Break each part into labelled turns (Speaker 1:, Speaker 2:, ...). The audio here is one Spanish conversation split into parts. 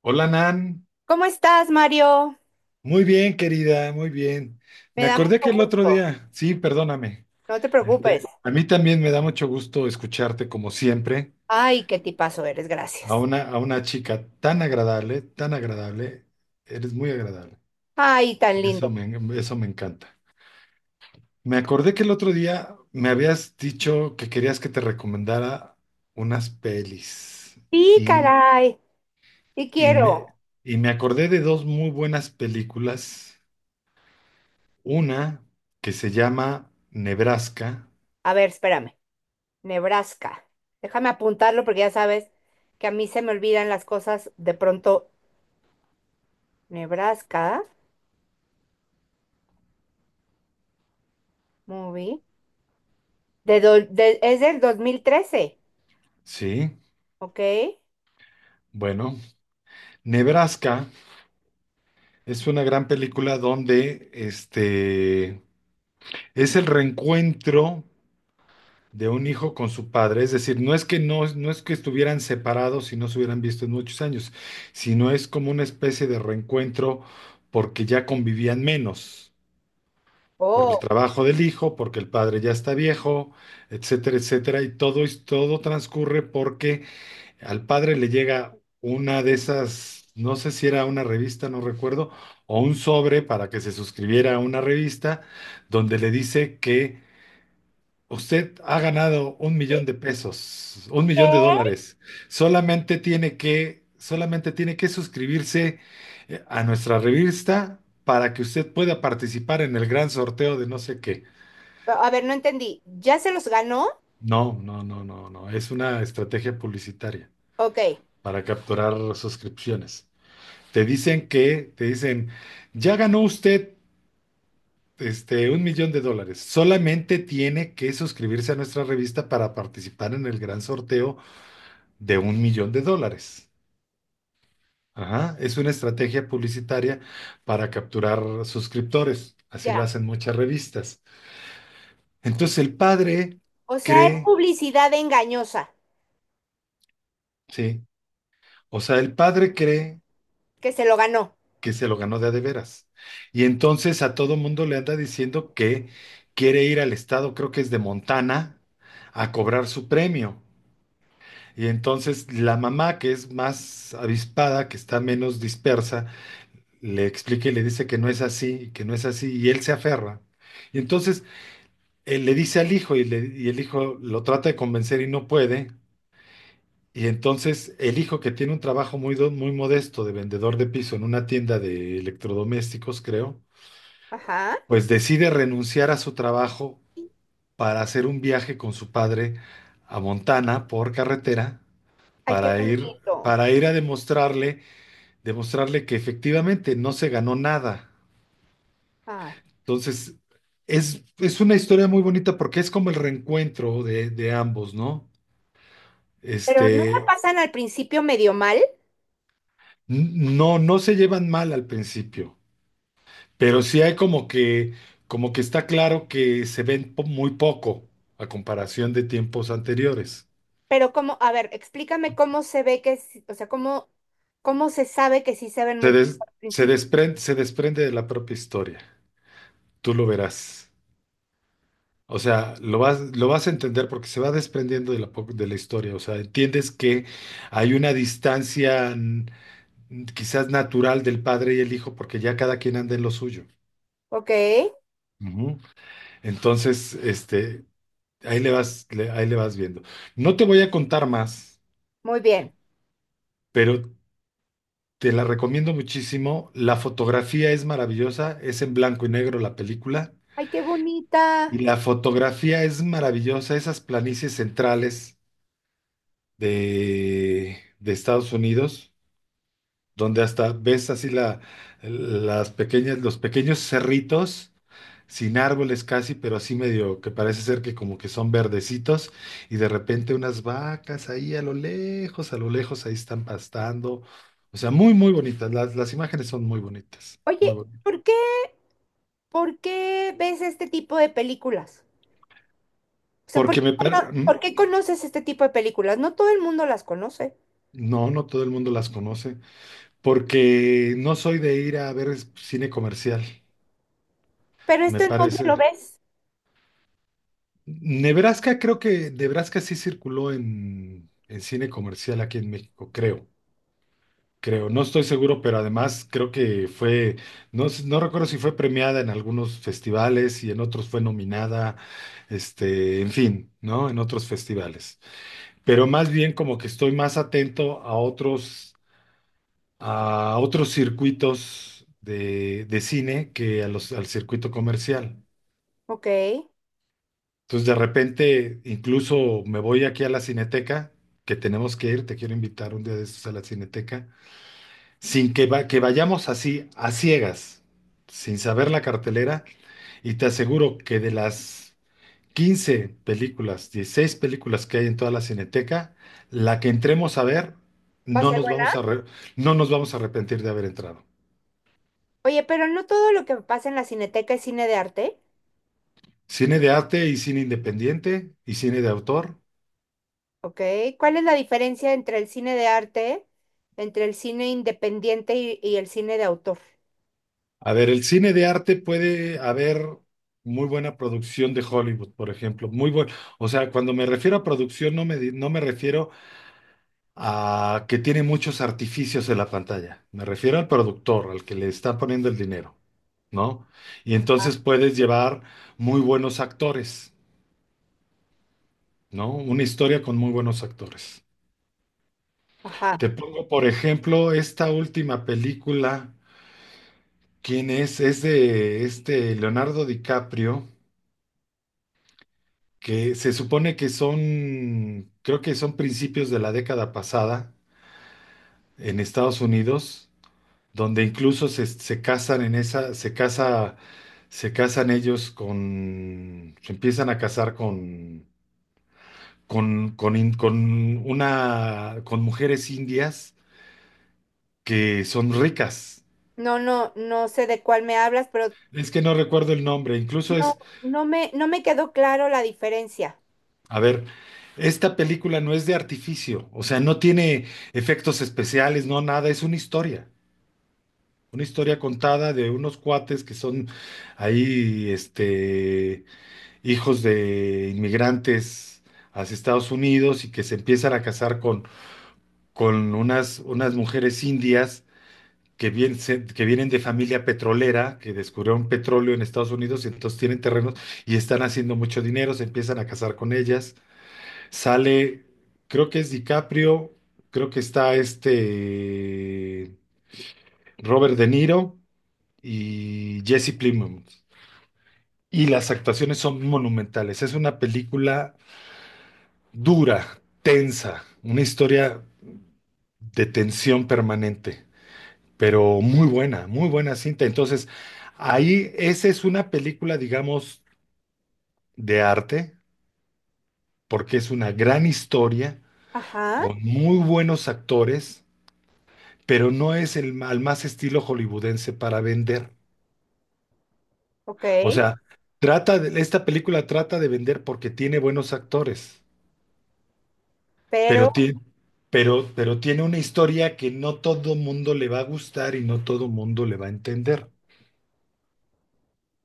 Speaker 1: Hola Nan,
Speaker 2: ¿Cómo estás, Mario?
Speaker 1: muy bien querida, muy bien.
Speaker 2: Me
Speaker 1: Me
Speaker 2: da
Speaker 1: acordé que
Speaker 2: mucho
Speaker 1: el otro
Speaker 2: gusto.
Speaker 1: día, sí, perdóname.
Speaker 2: No te preocupes.
Speaker 1: A mí también me da mucho gusto escucharte como siempre,
Speaker 2: Ay, qué tipazo eres,
Speaker 1: a
Speaker 2: gracias.
Speaker 1: una, a una chica tan agradable, tan agradable. Eres muy agradable.
Speaker 2: Ay, tan
Speaker 1: Y
Speaker 2: lindo.
Speaker 1: eso me encanta. Me acordé que el otro día me habías dicho que querías que te recomendara unas pelis
Speaker 2: Sí,
Speaker 1: y,
Speaker 2: caray. Sí
Speaker 1: y me,
Speaker 2: quiero.
Speaker 1: y me acordé de dos muy buenas películas. Una que se llama Nebraska,
Speaker 2: A ver, espérame. Nebraska. Déjame apuntarlo porque ya sabes que a mí se me olvidan las cosas de pronto. Nebraska, movie. Es del 2013.
Speaker 1: ¿sí?
Speaker 2: ¿Ok?
Speaker 1: Bueno, Nebraska es una gran película donde es el reencuentro de un hijo con su padre, es decir, no es que estuvieran separados y no se hubieran visto en muchos años, sino es como una especie de reencuentro porque ya convivían menos, por el
Speaker 2: Oh.
Speaker 1: trabajo del hijo, porque el padre ya está viejo, etcétera, etcétera, y todo, todo transcurre porque al padre le llega una de esas, no sé si era una revista, no recuerdo, o un sobre para que se suscribiera a una revista donde le dice que usted ha ganado 1,000,000 pesos, un
Speaker 2: ¿Qué?
Speaker 1: millón de dólares. Solamente tiene que suscribirse a nuestra revista para que usted pueda participar en el gran sorteo de no sé qué.
Speaker 2: Pero, a ver, no entendí. ¿Ya se los ganó?
Speaker 1: No, no, no, no, no. Es una estrategia publicitaria
Speaker 2: Ok,
Speaker 1: para capturar suscripciones. Te dicen, ya ganó usted $1,000,000. Solamente tiene que suscribirse a nuestra revista para participar en el gran sorteo de $1,000,000. Ajá, es una estrategia publicitaria para capturar suscriptores. Así lo
Speaker 2: ya.
Speaker 1: hacen muchas revistas. Entonces el padre
Speaker 2: O sea, es
Speaker 1: cree,
Speaker 2: publicidad engañosa
Speaker 1: sí, o sea, el padre cree
Speaker 2: que se lo ganó.
Speaker 1: que se lo ganó de a de veras. Y entonces a todo mundo le anda diciendo que quiere ir al estado, creo que es de Montana, a cobrar su premio. Y entonces la mamá, que es más avispada, que está menos dispersa, le explica y le dice que no es así, que no es así, y él se aferra. Y entonces él le dice al hijo y el hijo lo trata de convencer y no puede. Y entonces el hijo que tiene un trabajo muy modesto de vendedor de piso en una tienda de electrodomésticos, creo,
Speaker 2: Ajá.
Speaker 1: pues decide renunciar a su trabajo para hacer un viaje con su padre a Montana por carretera
Speaker 2: Ay, qué
Speaker 1: para ir
Speaker 2: bonito.
Speaker 1: para ir a demostrarle que efectivamente no se ganó nada.
Speaker 2: Ay.
Speaker 1: Entonces, es una historia muy bonita porque es como el reencuentro de ambos, ¿no?
Speaker 2: Pero no me
Speaker 1: Este,
Speaker 2: pasan al principio medio mal,
Speaker 1: no, se llevan mal al principio, pero sí hay como que está claro que se ven muy poco a comparación de tiempos anteriores.
Speaker 2: pero cómo, a ver, explícame cómo se ve que, o sea, cómo, cómo se sabe que sí se ven
Speaker 1: Se,
Speaker 2: muy
Speaker 1: des-
Speaker 2: al
Speaker 1: se
Speaker 2: principio.
Speaker 1: desprende, se desprende de la propia historia. Tú lo verás. O sea, lo vas a entender porque se va desprendiendo de la historia. O sea, entiendes que hay una distancia quizás natural del padre y el hijo porque ya cada quien anda en lo suyo.
Speaker 2: Ok,
Speaker 1: Ujú. Entonces, ahí le vas viendo. No te voy a contar más,
Speaker 2: muy bien.
Speaker 1: pero te la recomiendo muchísimo. La fotografía es maravillosa. Es en blanco y negro la película.
Speaker 2: Ay, qué bonita.
Speaker 1: Y la fotografía es maravillosa, esas planicies centrales de Estados Unidos, donde hasta ves así los pequeños cerritos, sin árboles casi, pero así medio que parece ser que como que son verdecitos, y de repente unas vacas ahí a lo lejos ahí están pastando. O sea, muy, muy bonitas. Las imágenes son muy bonitas, muy
Speaker 2: Oye,
Speaker 1: bonitas.
Speaker 2: ¿por qué, por qué ves este tipo de películas? O sea, ¿por
Speaker 1: Porque
Speaker 2: qué,
Speaker 1: me... par-
Speaker 2: por
Speaker 1: mm,
Speaker 2: qué conoces este tipo de películas? No todo el mundo las conoce,
Speaker 1: No, no todo el mundo las conoce. Porque no soy de ir a ver cine comercial,
Speaker 2: pero
Speaker 1: me
Speaker 2: ¿esto en dónde
Speaker 1: parece.
Speaker 2: lo ves?
Speaker 1: Nebraska, creo que Nebraska sí circuló en cine comercial aquí en México, creo. Creo, no estoy seguro, pero además creo que fue, no, no recuerdo si fue premiada en algunos festivales y en otros fue nominada, en fin, ¿no? En otros festivales. Pero más bien como que estoy más atento a otros circuitos de cine que al circuito comercial.
Speaker 2: Ok, ¿va
Speaker 1: Entonces, de repente, incluso me voy aquí a la Cineteca, que tenemos que ir, te quiero invitar un día de estos a la Cineteca, sin que vayamos así, a ciegas, sin saber la cartelera, y te aseguro que de las 15 películas, 16 películas que hay en toda la Cineteca, la que entremos a ver,
Speaker 2: a
Speaker 1: no
Speaker 2: ser
Speaker 1: nos
Speaker 2: buena?
Speaker 1: vamos a, re- no nos vamos a arrepentir de haber entrado.
Speaker 2: Oye, pero no todo lo que pasa en la Cineteca es cine de arte.
Speaker 1: Cine de arte y cine independiente y cine de autor.
Speaker 2: Ok, ¿cuál es la diferencia entre el cine de arte, entre el cine independiente y el cine de autor?
Speaker 1: A ver, el cine de arte puede haber muy buena producción de Hollywood, por ejemplo, muy buen, o sea, cuando me refiero a producción no me refiero a que tiene muchos artificios en la pantalla, me refiero al productor, al que le está poniendo el dinero, ¿no? Y entonces puedes llevar muy buenos actores, ¿no? Una historia con muy buenos actores.
Speaker 2: Ajá.
Speaker 1: Te pongo, por ejemplo, esta última película. ¿Quién es? Es de Leonardo DiCaprio, que se supone que son, creo que son principios de la década pasada en Estados Unidos, donde incluso se casan en esa, se casa, se casan ellos con, se empiezan a casar con, in- con una, con mujeres indias que son ricas.
Speaker 2: No, no, no sé de cuál me hablas, pero
Speaker 1: Es que no recuerdo el nombre, incluso
Speaker 2: no,
Speaker 1: es.
Speaker 2: no me, no me quedó claro la diferencia.
Speaker 1: A ver, esta película no es de artificio, o sea, no tiene efectos especiales, no nada, es una historia, contada de unos cuates que son ahí, hijos de inmigrantes hacia Estados Unidos y que se empiezan a casar con, con unas mujeres indias que vienen de familia petrolera, que descubrieron petróleo en Estados Unidos y entonces tienen terrenos y están haciendo mucho dinero, se empiezan a casar con ellas. Sale, creo que es DiCaprio, creo que está Robert De Niro y Jesse Plemons. Y las actuaciones son monumentales. Es una película dura, tensa, una historia de tensión permanente, pero muy buena cinta. Entonces, ahí esa es una película, digamos, de arte, porque es una gran historia
Speaker 2: Ajá,
Speaker 1: con muy buenos actores pero no es al más estilo hollywoodense para vender.
Speaker 2: ok,
Speaker 1: O sea, trata de, esta película trata de vender porque tiene buenos actores,
Speaker 2: pero,
Speaker 1: pero tiene, pero tiene una historia que no todo mundo le va a gustar y no todo mundo le va a entender,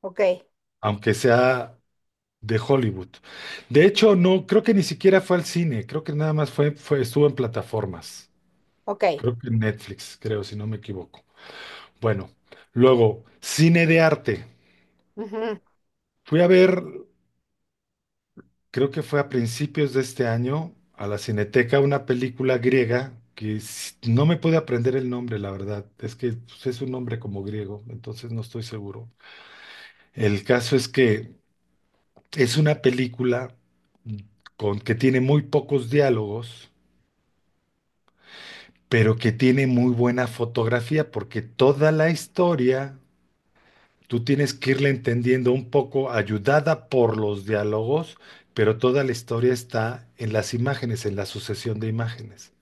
Speaker 2: ok,
Speaker 1: aunque sea de Hollywood. De hecho, no, creo que ni siquiera fue al cine, creo que nada más estuvo en plataformas.
Speaker 2: ok.
Speaker 1: Creo que en Netflix, creo, si no me equivoco. Bueno, luego, cine de arte.
Speaker 2: Ujú.
Speaker 1: Fui a ver creo que fue a principios de este año, a la Cineteca, una película griega que no me pude aprender el nombre, la verdad. Es que pues, es un nombre como griego, entonces no estoy seguro. El caso es que es una película mm, con que tiene muy pocos diálogos, pero que tiene muy buena fotografía, porque toda la historia tú tienes que irla entendiendo un poco, ayudada por los diálogos, pero toda la historia está en las imágenes, en la sucesión de imágenes.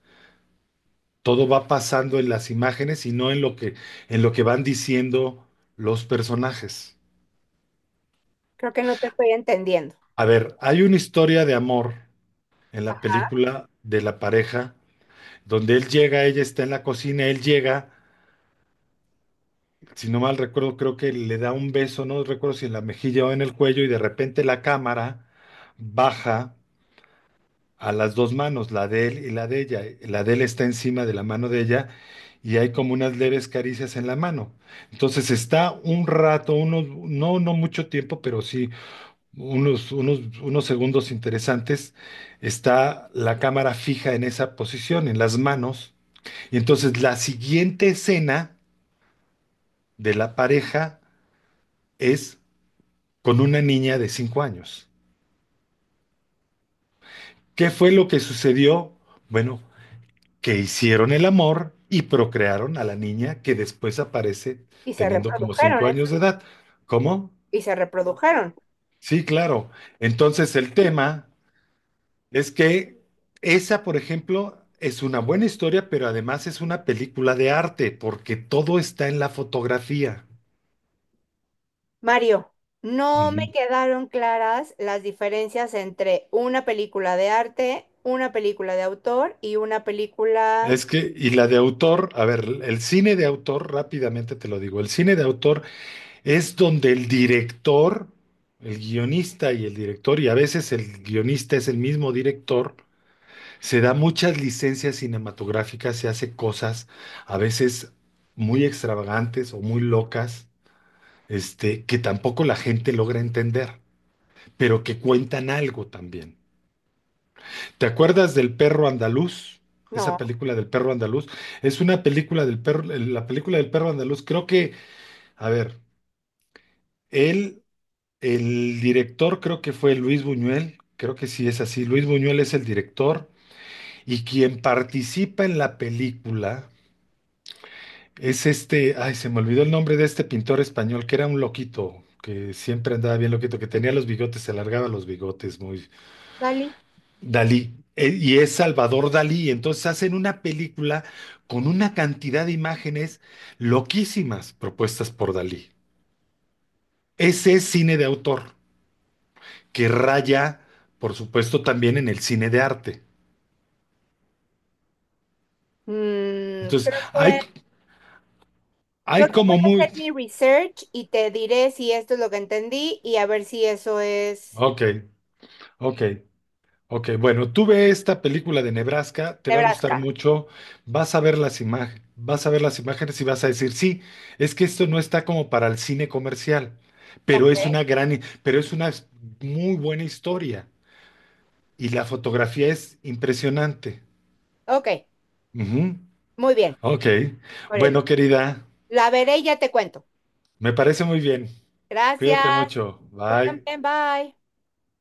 Speaker 1: Todo va pasando en las imágenes y no en lo que van diciendo los personajes.
Speaker 2: Creo que no te estoy entendiendo.
Speaker 1: A ver, hay una historia de amor en la
Speaker 2: Ajá.
Speaker 1: película de la pareja, donde él llega, ella está en la cocina, él llega, si no mal recuerdo, creo que le da un beso, no recuerdo si en la mejilla o en el cuello, y de repente la cámara baja a las dos manos, la de él y la de ella. La de él está encima de la mano de ella y hay como unas leves caricias en la mano. Entonces está un rato, no, no mucho tiempo, pero sí unos segundos interesantes. Está la cámara fija en esa posición, en las manos. Y entonces la siguiente escena de la pareja es con una niña de 5 años. ¿Qué fue lo que sucedió? Bueno, que hicieron el amor y procrearon a la niña que después aparece
Speaker 2: Y se
Speaker 1: teniendo como
Speaker 2: reprodujeron,
Speaker 1: cinco años de edad. ¿Cómo?
Speaker 2: y se reprodujeron.
Speaker 1: Sí, claro. Entonces el tema es que esa, por ejemplo, es una buena historia, pero además es una película de arte, porque todo está en la fotografía.
Speaker 2: Mario, no me
Speaker 1: Ujú.
Speaker 2: quedaron claras las diferencias entre una película de arte, una película de autor y una película...
Speaker 1: Es que, y la de autor, a ver, el cine de autor, rápidamente te lo digo, el cine de autor es donde el director, el guionista y el director, y a veces el guionista es el mismo director, se da muchas licencias cinematográficas, se hace cosas a veces muy extravagantes o muy locas, que tampoco la gente logra entender, pero que cuentan algo también. ¿Te acuerdas del perro andaluz? Esa
Speaker 2: No,
Speaker 1: película del perro andaluz es una película del perro, la película del perro andaluz. Creo que, a ver, él El director creo que fue Luis Buñuel, creo que sí es así. Luis Buñuel es el director y quien participa en la película es ay, se me olvidó el nombre de este pintor español que era un loquito, que siempre andaba bien loquito, que tenía los bigotes, se alargaba los bigotes, muy
Speaker 2: Dali.
Speaker 1: Dalí. Y es Salvador Dalí, entonces hacen una película con una cantidad de imágenes loquísimas propuestas por Dalí. Ese es cine de autor, que raya, por supuesto, también en el cine de arte.
Speaker 2: Mm,
Speaker 1: Entonces,
Speaker 2: creo
Speaker 1: hay,
Speaker 2: que, creo
Speaker 1: hay
Speaker 2: que voy
Speaker 1: como
Speaker 2: a hacer
Speaker 1: muy.
Speaker 2: mi research y te diré si esto es lo que entendí y a ver si eso es
Speaker 1: Ok, ok, ok. Bueno, tú ve esta película de Nebraska, te va a gustar
Speaker 2: Nebraska.
Speaker 1: mucho, vas a ver las imágenes, vas a ver las imágenes y vas a decir, sí, es que esto no está como para el cine comercial,
Speaker 2: Ok,
Speaker 1: pero es una muy buena historia y la fotografía es impresionante.
Speaker 2: ok,
Speaker 1: Ujú.
Speaker 2: muy bien.
Speaker 1: Ok.
Speaker 2: Órale.
Speaker 1: Bueno, querida,
Speaker 2: La veré y ya te cuento.
Speaker 1: me parece muy bien.
Speaker 2: Gracias.
Speaker 1: Cuídate mucho.
Speaker 2: Tú
Speaker 1: Bye.
Speaker 2: también, bye.